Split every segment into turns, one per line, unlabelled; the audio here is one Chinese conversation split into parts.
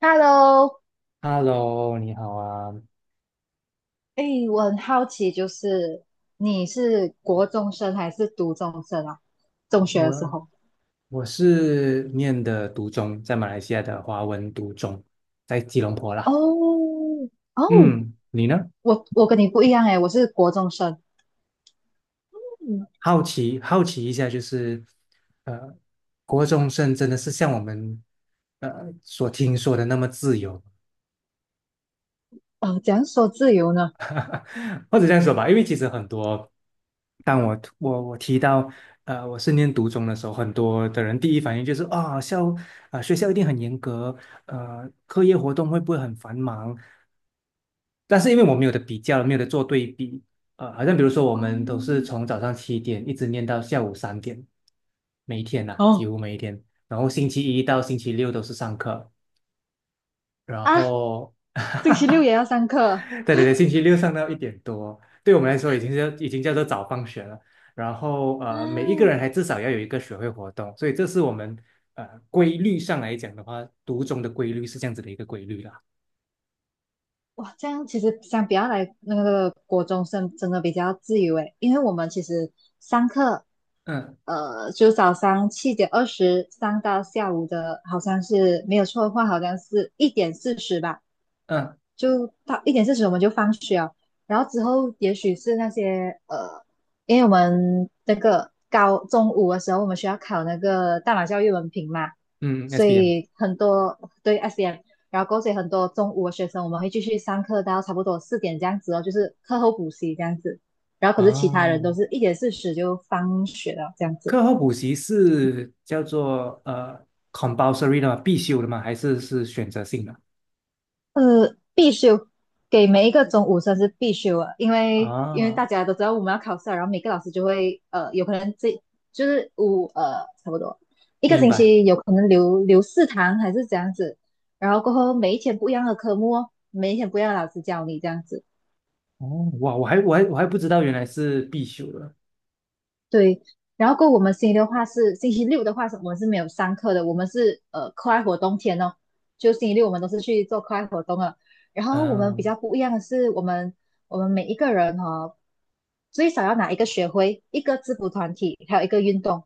Hello，
Hello，你好啊，
哎，我很好奇，就是你是国中生还是读中生啊？中学的时
我
候？
我是念的读中，在马来西亚的华文读中，在吉隆坡啦。
哦哦，
嗯，你呢？
我跟你不一样哎，我是国中生。嗯，
好奇好奇一下，就是呃，国中生真的是像我们所听说的那么自由？
怎样说自由呢？
或者这样说吧，因为其实很多，当我提到我是念读中的时候，很多的人第一反应就是啊、校啊、学校一定很严格，课业活动会不会很繁忙？但是因为我没有的比较，没有的做对比，好像比如说我们都是
哦
从早上七点一直念到下午三点，每一天呐、几
哦，
乎每一天。然后星期一到星期六都是上课，然
啊，
后，
星期六 也要上课。
对对对，星期六上到一点多，对我们来说已经叫做早放学了。然后每一个人
啊！
还至少要有一个学会活动，所以这是我们规律上来讲的话，读中的规律是这样子的一个规律啦。
哇，这样其实相比较来，那个国中生真的比较自由诶。因为我们其实上课
嗯
就早上七点二十上到下午的，好像是没有错的话，好像是一点四十吧，
嗯
就到一点四十我们就放学了。然后之后也许是那些因为我们那个高中午的时候，我们需要考那个大马教育文凭嘛，
嗯
所
，SBM
以很多对 SM，然后过后所以很多中午的学生我们会继续上课到差不多四点这样子哦，就是课后补习这样子。然后可是其他人都
哦，
是一点四十就放学了这样子。
课后补习是叫做compulsory 的吗？必修的吗？还是是选择性的？
必修，给每一个中五生是必修啊。因为大
啊，
家都知道我们要考试了，然后每个老师就会有可能这就是五差不多一个
明
星
白。
期有可能留四堂还是这样子，然后过后每一天不一样的科目哦，每一天不一样的老师教你这样子。
哦，哇，我还不知道原来是必修的。
对，然后过后我们星期六的话是，我们是没有上课的，我们是课外活动天哦，就星期六我们都是去做课外活动了。然后我们比
嗯，
较不一样的是，我们每一个人哦，最少要拿一个学会、一个制服团体，还有一个运动，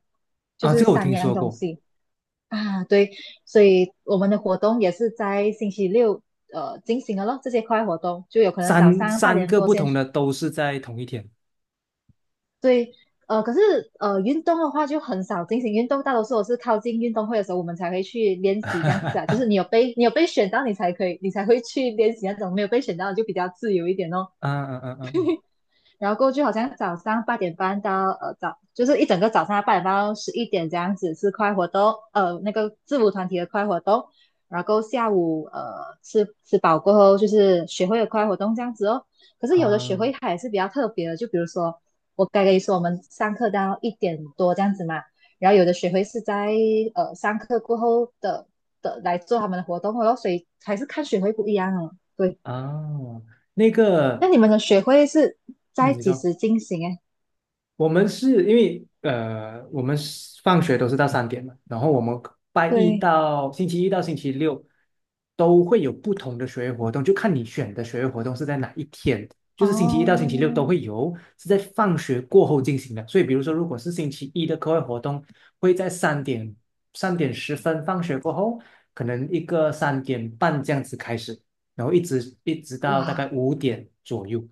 就
啊，
是
这个我
三
听
样
说
东
过，
西啊。对，所以我们的活动也是在星期六进行的咯，这些课外活动就有可能早上八
三
点
个
多
不
先。
同的都是在同一天。
对，可是运动的话就很少进行运动，大多数我是靠近运动会的时候，我们才会去练习这样子啊。就是你有被选到，你才可以，你才会去练习那种；没有被选到就比较自由一点哦。
啊啊啊啊
然后过去好像早上八点半到早，就是一整个早上八点半到十一点这样子是快活动，那个制服团体的快活动。然后下午吃饱过后就是学会的快活动这样子哦。可是
啊
有的学
啊！
会它也是比较特别的，就比如说我刚跟你说我们上课到一点多这样子嘛，然后有的学会是在上课过后的来做他们的活动哦，所以还是看学会不一样哦。对，
啊那
那
个，
你们的学会是
嗯，
在
你
几
说。
时进行诶？
我们是因为我们是放学都是到三点嘛，然后我们拜一
对，
到星期一到星期六都会有不同的学业活动，就看你选的学业活动是在哪一天，就是星期一到星期六都
哦，
会有，是在放学过后进行的。所以，比如说，如果是星期一的课外活动，会在三点十分放学过后，可能一个三点半这样子开始，然后一直到大
哇，
概五点左右。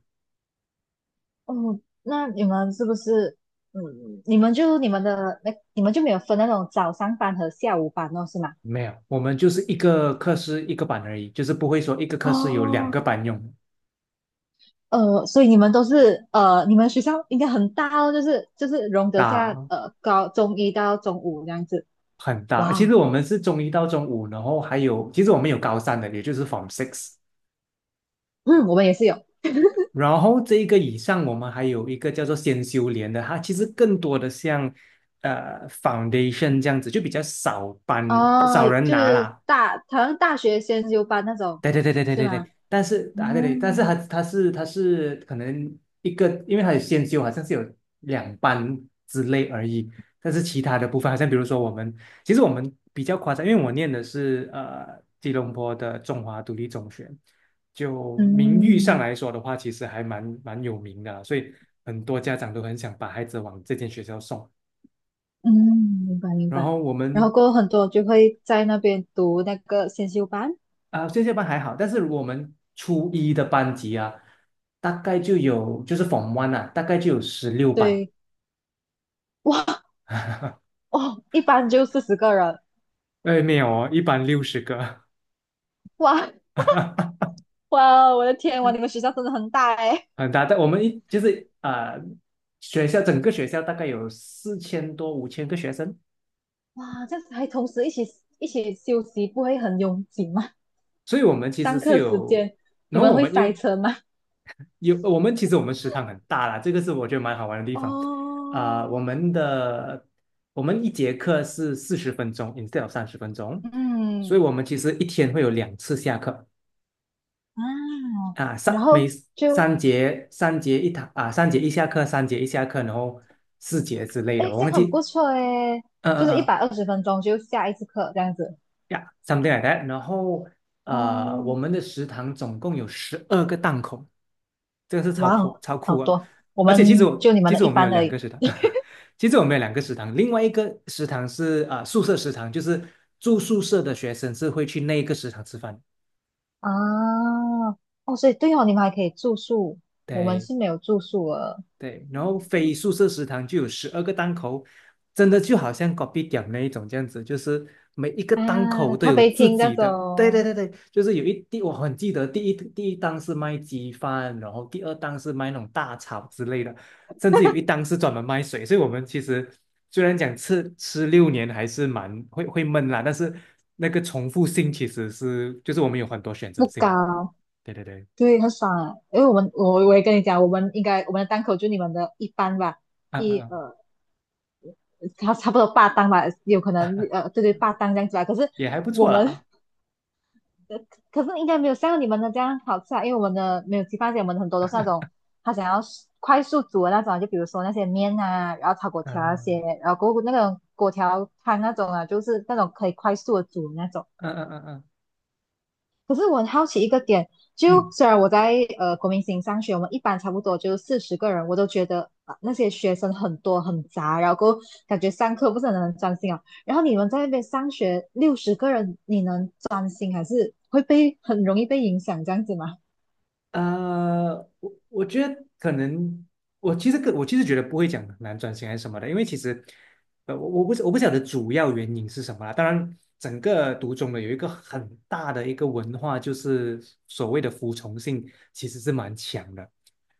哦，那你们是不是，嗯，你们就没有分那种早上班和下午班哦，是吗？
没有，我们就是一个课室一个班而已，就是不会说一个课室有两
哦，
个班用，
所以你们都是，你们学校应该很大哦，就是容得下，
大
高中一到中五这样子。
很大。
哇
其
哦，
实我们是中一到中五，然后还有，其实我们有高三的，也就是 Form Six。
嗯，我们也是有。
然后这一个以上，我们还有一个叫做先修连的，它其实更多的像呃 Foundation 这样子，就比较少班
哦，
少人
就
拿
是
啦。
大，好像大学先修班那种，
对对对对对
是
对
吗？
对，但是啊对对，但是
嗯
他是可能一个，因为他有先修，好像是有两班之类而已。但是其他的部分，好像比如说我们，其实我们比较夸张，因为我念的是吉隆坡的中华独立中学，就名誉上
嗯。
来说的话，其实还蛮有名的啊所以很多家长都很想把孩子往这间学校送。
嗯，明白明
然
白。
后我
然后
们
过后很多就会在那边读那个先修班。
啊，线下班还好，但是我们初一的班级啊，大概就有就是 Form One 啊，大概就有十六班。
对，哇哦，一班就四十个人，
哎，没有哦，一班六十个，
哇 哇，我的天。哇，你们学校真的很大哎。
很大。但我们一就是啊、呃学校整个学校大概有四千多五千个学生，
哇，这样子还同时一起休息，不会很拥挤吗？
所以我们其实
上
是
课时
有。
间你
然后
们
我
会
们因
塞
为
车吗？
有呃我们其实我们食堂很大啦，这个是我觉得蛮好玩的地方。啊、
哦，
我们一节课是四十分钟，instead of 三十分钟，所
嗯
以我们其实一天会有两次下课
啊，
啊，
然后就
三节一堂啊，三节一下课，然后四节之类
哎，
的，
诶
我
这样
忘
很
记，
不错哎，
嗯
就
嗯
是一百
嗯
二十分钟就下一次课这样子。
呀，something like that。然后我
哦，
们的食堂总共有十二个档口，这个是
哇哦，
超
好
酷啊！
多，我
而且
们就你们
其
的
实
一
我们有
般而
两
已
个食堂，其实我们有两个食堂，另外一个食堂是啊、宿舍食堂，就是住宿舍的学生是会去那一个食堂吃饭。
啊。哦，所以对哦，你们还可以住宿，我们
对，
是没有住宿的
对，然后非宿舍食堂就有十二个档口，真的就好像隔壁 p 那一种这样子，就是每一个档
啊。
口都
咖
有
啡
自
厅那
己的。对对
种
对对，就是有一第我很记得第一档是卖鸡饭，然后第二档是卖那种大炒之类的，甚至有一档是专门卖水。所以我们其实虽然讲吃六年还是会闷啦，但是那个重复性其实是就是我们有很多选择
不
性的。
高，
对对对，
对，很爽。啊。因为我们我也跟你讲，我们应该我们的档口就你们的一般吧，
嗯嗯
一
嗯，
差不多八档吧，有可能对对，八档这样子吧。可是
也还不
我
错
们
啦。
可是应该没有像你们的这样好吃啊。因为我们的没有鸡饭蟹，我们很多都是那种他想要快速煮的那种啊，就比如说那些面啊，然后炒粿
啊，
条啊那些，
嗯
然后过后那种粿条汤那种啊，就是那种可以快速的煮的那种。
嗯嗯嗯。
可是我很好奇一个点，就
嗯
虽然我在国民型上学，我们一般差不多就四十个人，我都觉得、啊、那些学生很多很杂，然后感觉上课不是很能专心啊。然后你们在那边上学六十个人，你能专心还是会被很容易被影响这样子吗？
我我觉得可能，我其实觉得不会讲很难转型还是什么的，因为其实，我不晓得主要原因是什么啦。当然，整个读中的有一个很大的一个文化，就是所谓的服从性其实是蛮强的。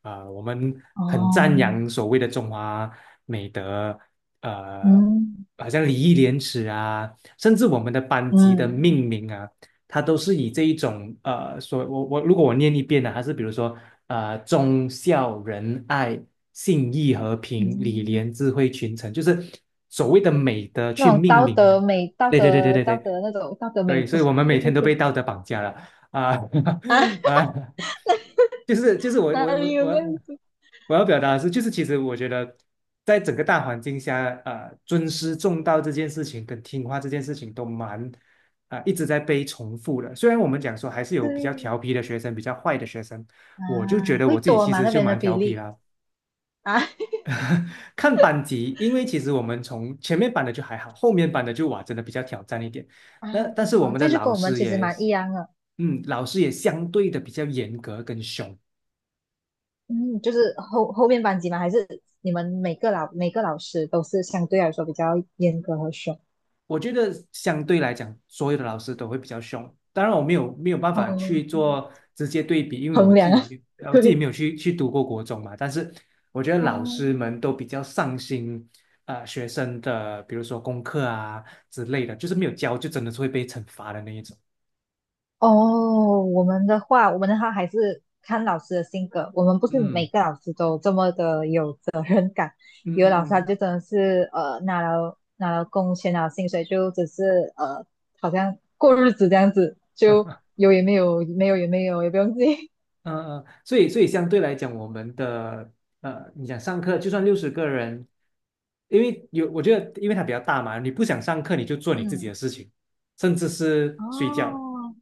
啊、我们很赞
哦，
扬所谓的中华美德，呃，
嗯
好像礼义廉耻啊，甚至我们的班级的
嗯
命名啊。他都是以这一种所我我如果我念一遍呢，还是比如说忠孝仁爱、信义和平、礼
嗯，
廉智慧群臣，就是所谓的美德去
那种
命
道
名的。
德美、道
对对对对
德
对
道
对
德那种道德美
对，所
德
以我们每天都被道德绑架了啊
啊，
啊！就是就是我
哪
我
里
我
有那
我
样子？
我要表达的是，就是其实我觉得，在整个大环境下，尊师重道这件事情跟听话这件事情都蛮一直在被重复的。虽然我们讲说还是有比较调
对
皮的学生，比较坏的学生，
啊，
我就觉得
会
我自己
多
其
吗？
实
那
就
边的
蛮
比
调皮
例
啦。
啊？
看班级，因为其实我们从前面班的就还好，后面班的就哇，真的比较挑战一点。
啊，
那但是我们的
这就
老
跟我们
师
其实
也，
蛮一样的，
嗯，老师也相对的比较严格跟凶。
嗯，就是后面班级嘛，还是你们每个老师都是相对来说比较严格和凶
我觉得相对来讲，所有的老师都会比较凶。当然，我没有办法
哦，
去做直接对比，因为我
衡
自
量
己
啊，
没有，我自己
对，
没有去去读过国中嘛。但是我觉得
哦，
老师们都比较上心，学生的比如说功课啊之类的，就是没有教就真的是会被惩罚的那一种。
哦，我们的话还是看老师的性格。我们不是每
嗯
个老师都这么的有责任感，
嗯
有的老师他就
嗯
真的是拿了工钱拿了薪水，就只是好像过日子这样子，就
嗯。
有也没有，没有也没有，也不用自己
嗯嗯，所以相对来讲，我们的你想上课，就算六十个人，因为有我觉得，因为它比较大嘛，你不想上课，你就做你自己
嗯。
的事情，甚至是睡觉，
哦，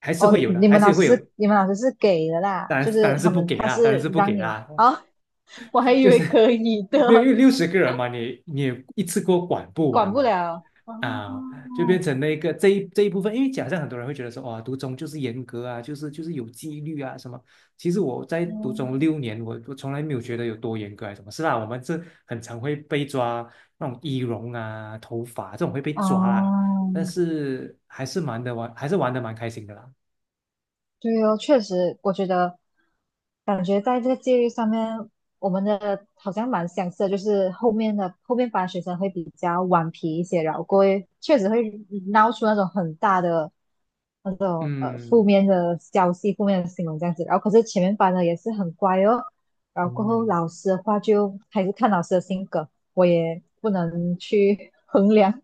还是
哦，
会有的，还是会有。
你们老师是给的啦，就是他们他
当然
是
是不
让
给
你们
啦，
啊，我还以
就
为
是
可以的，
没有，因为六十个人嘛，也一次过管不完
管不
嘛，
了。哦，
啊，就变成那个这一部分，因为假设很多人会觉得说，哇，读中就是严格啊，就是有纪律啊什么。其实我在读中
嗯
六年，我从来没有觉得有多严格还是什么。是啦，我们这很常会被抓那种仪容啊、头发这种会被抓啊，
哦，
但是还是蛮的玩，还是玩的蛮开心的啦。
对哦，确实。我觉得感觉在这个戒律上面，我们的好像蛮相似的。就是后面的后面班学生会比较顽皮一些，然后过会确实会闹出那种很大的那种负
嗯
面的消息、负面的新闻这样子。然后可是前面班的也是很乖哦，然后过后
嗯，
老师的话就还是看老师的性格，我也不能去 衡量。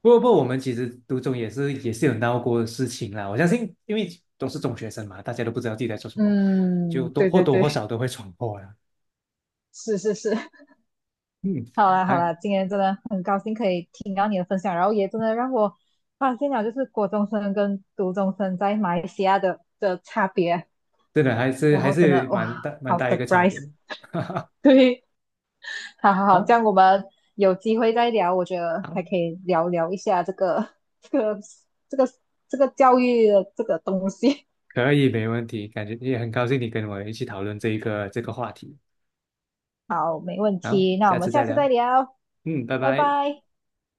不过我们其实读中也是有闹过的事情啦。我相信，因为都是中学生嘛，大家都不知道自己在做什么，就
嗯，对对
多或
对，
少都会闯祸啦。
是是是，
嗯，
好啦好
还
啦，今天真的很高兴可以听到你的分享，然后也真的让我发现了就是国中生跟读中生在马来西亚的差别。
真的
然
还
后真的
是
哇，
蛮
好
大一个差
surprise！
别的。
对，好好好，这
好，
样我们有机会再聊。我觉得还
好，
可以聊聊一下这个 这个这个这个教育的这个东西。
可以，没问题，感觉也很高兴你跟我一起讨论这个话题。
好，没问
好，
题，那我
下
们
次
下
再
次
聊。
再聊，
嗯，拜
拜
拜。
拜。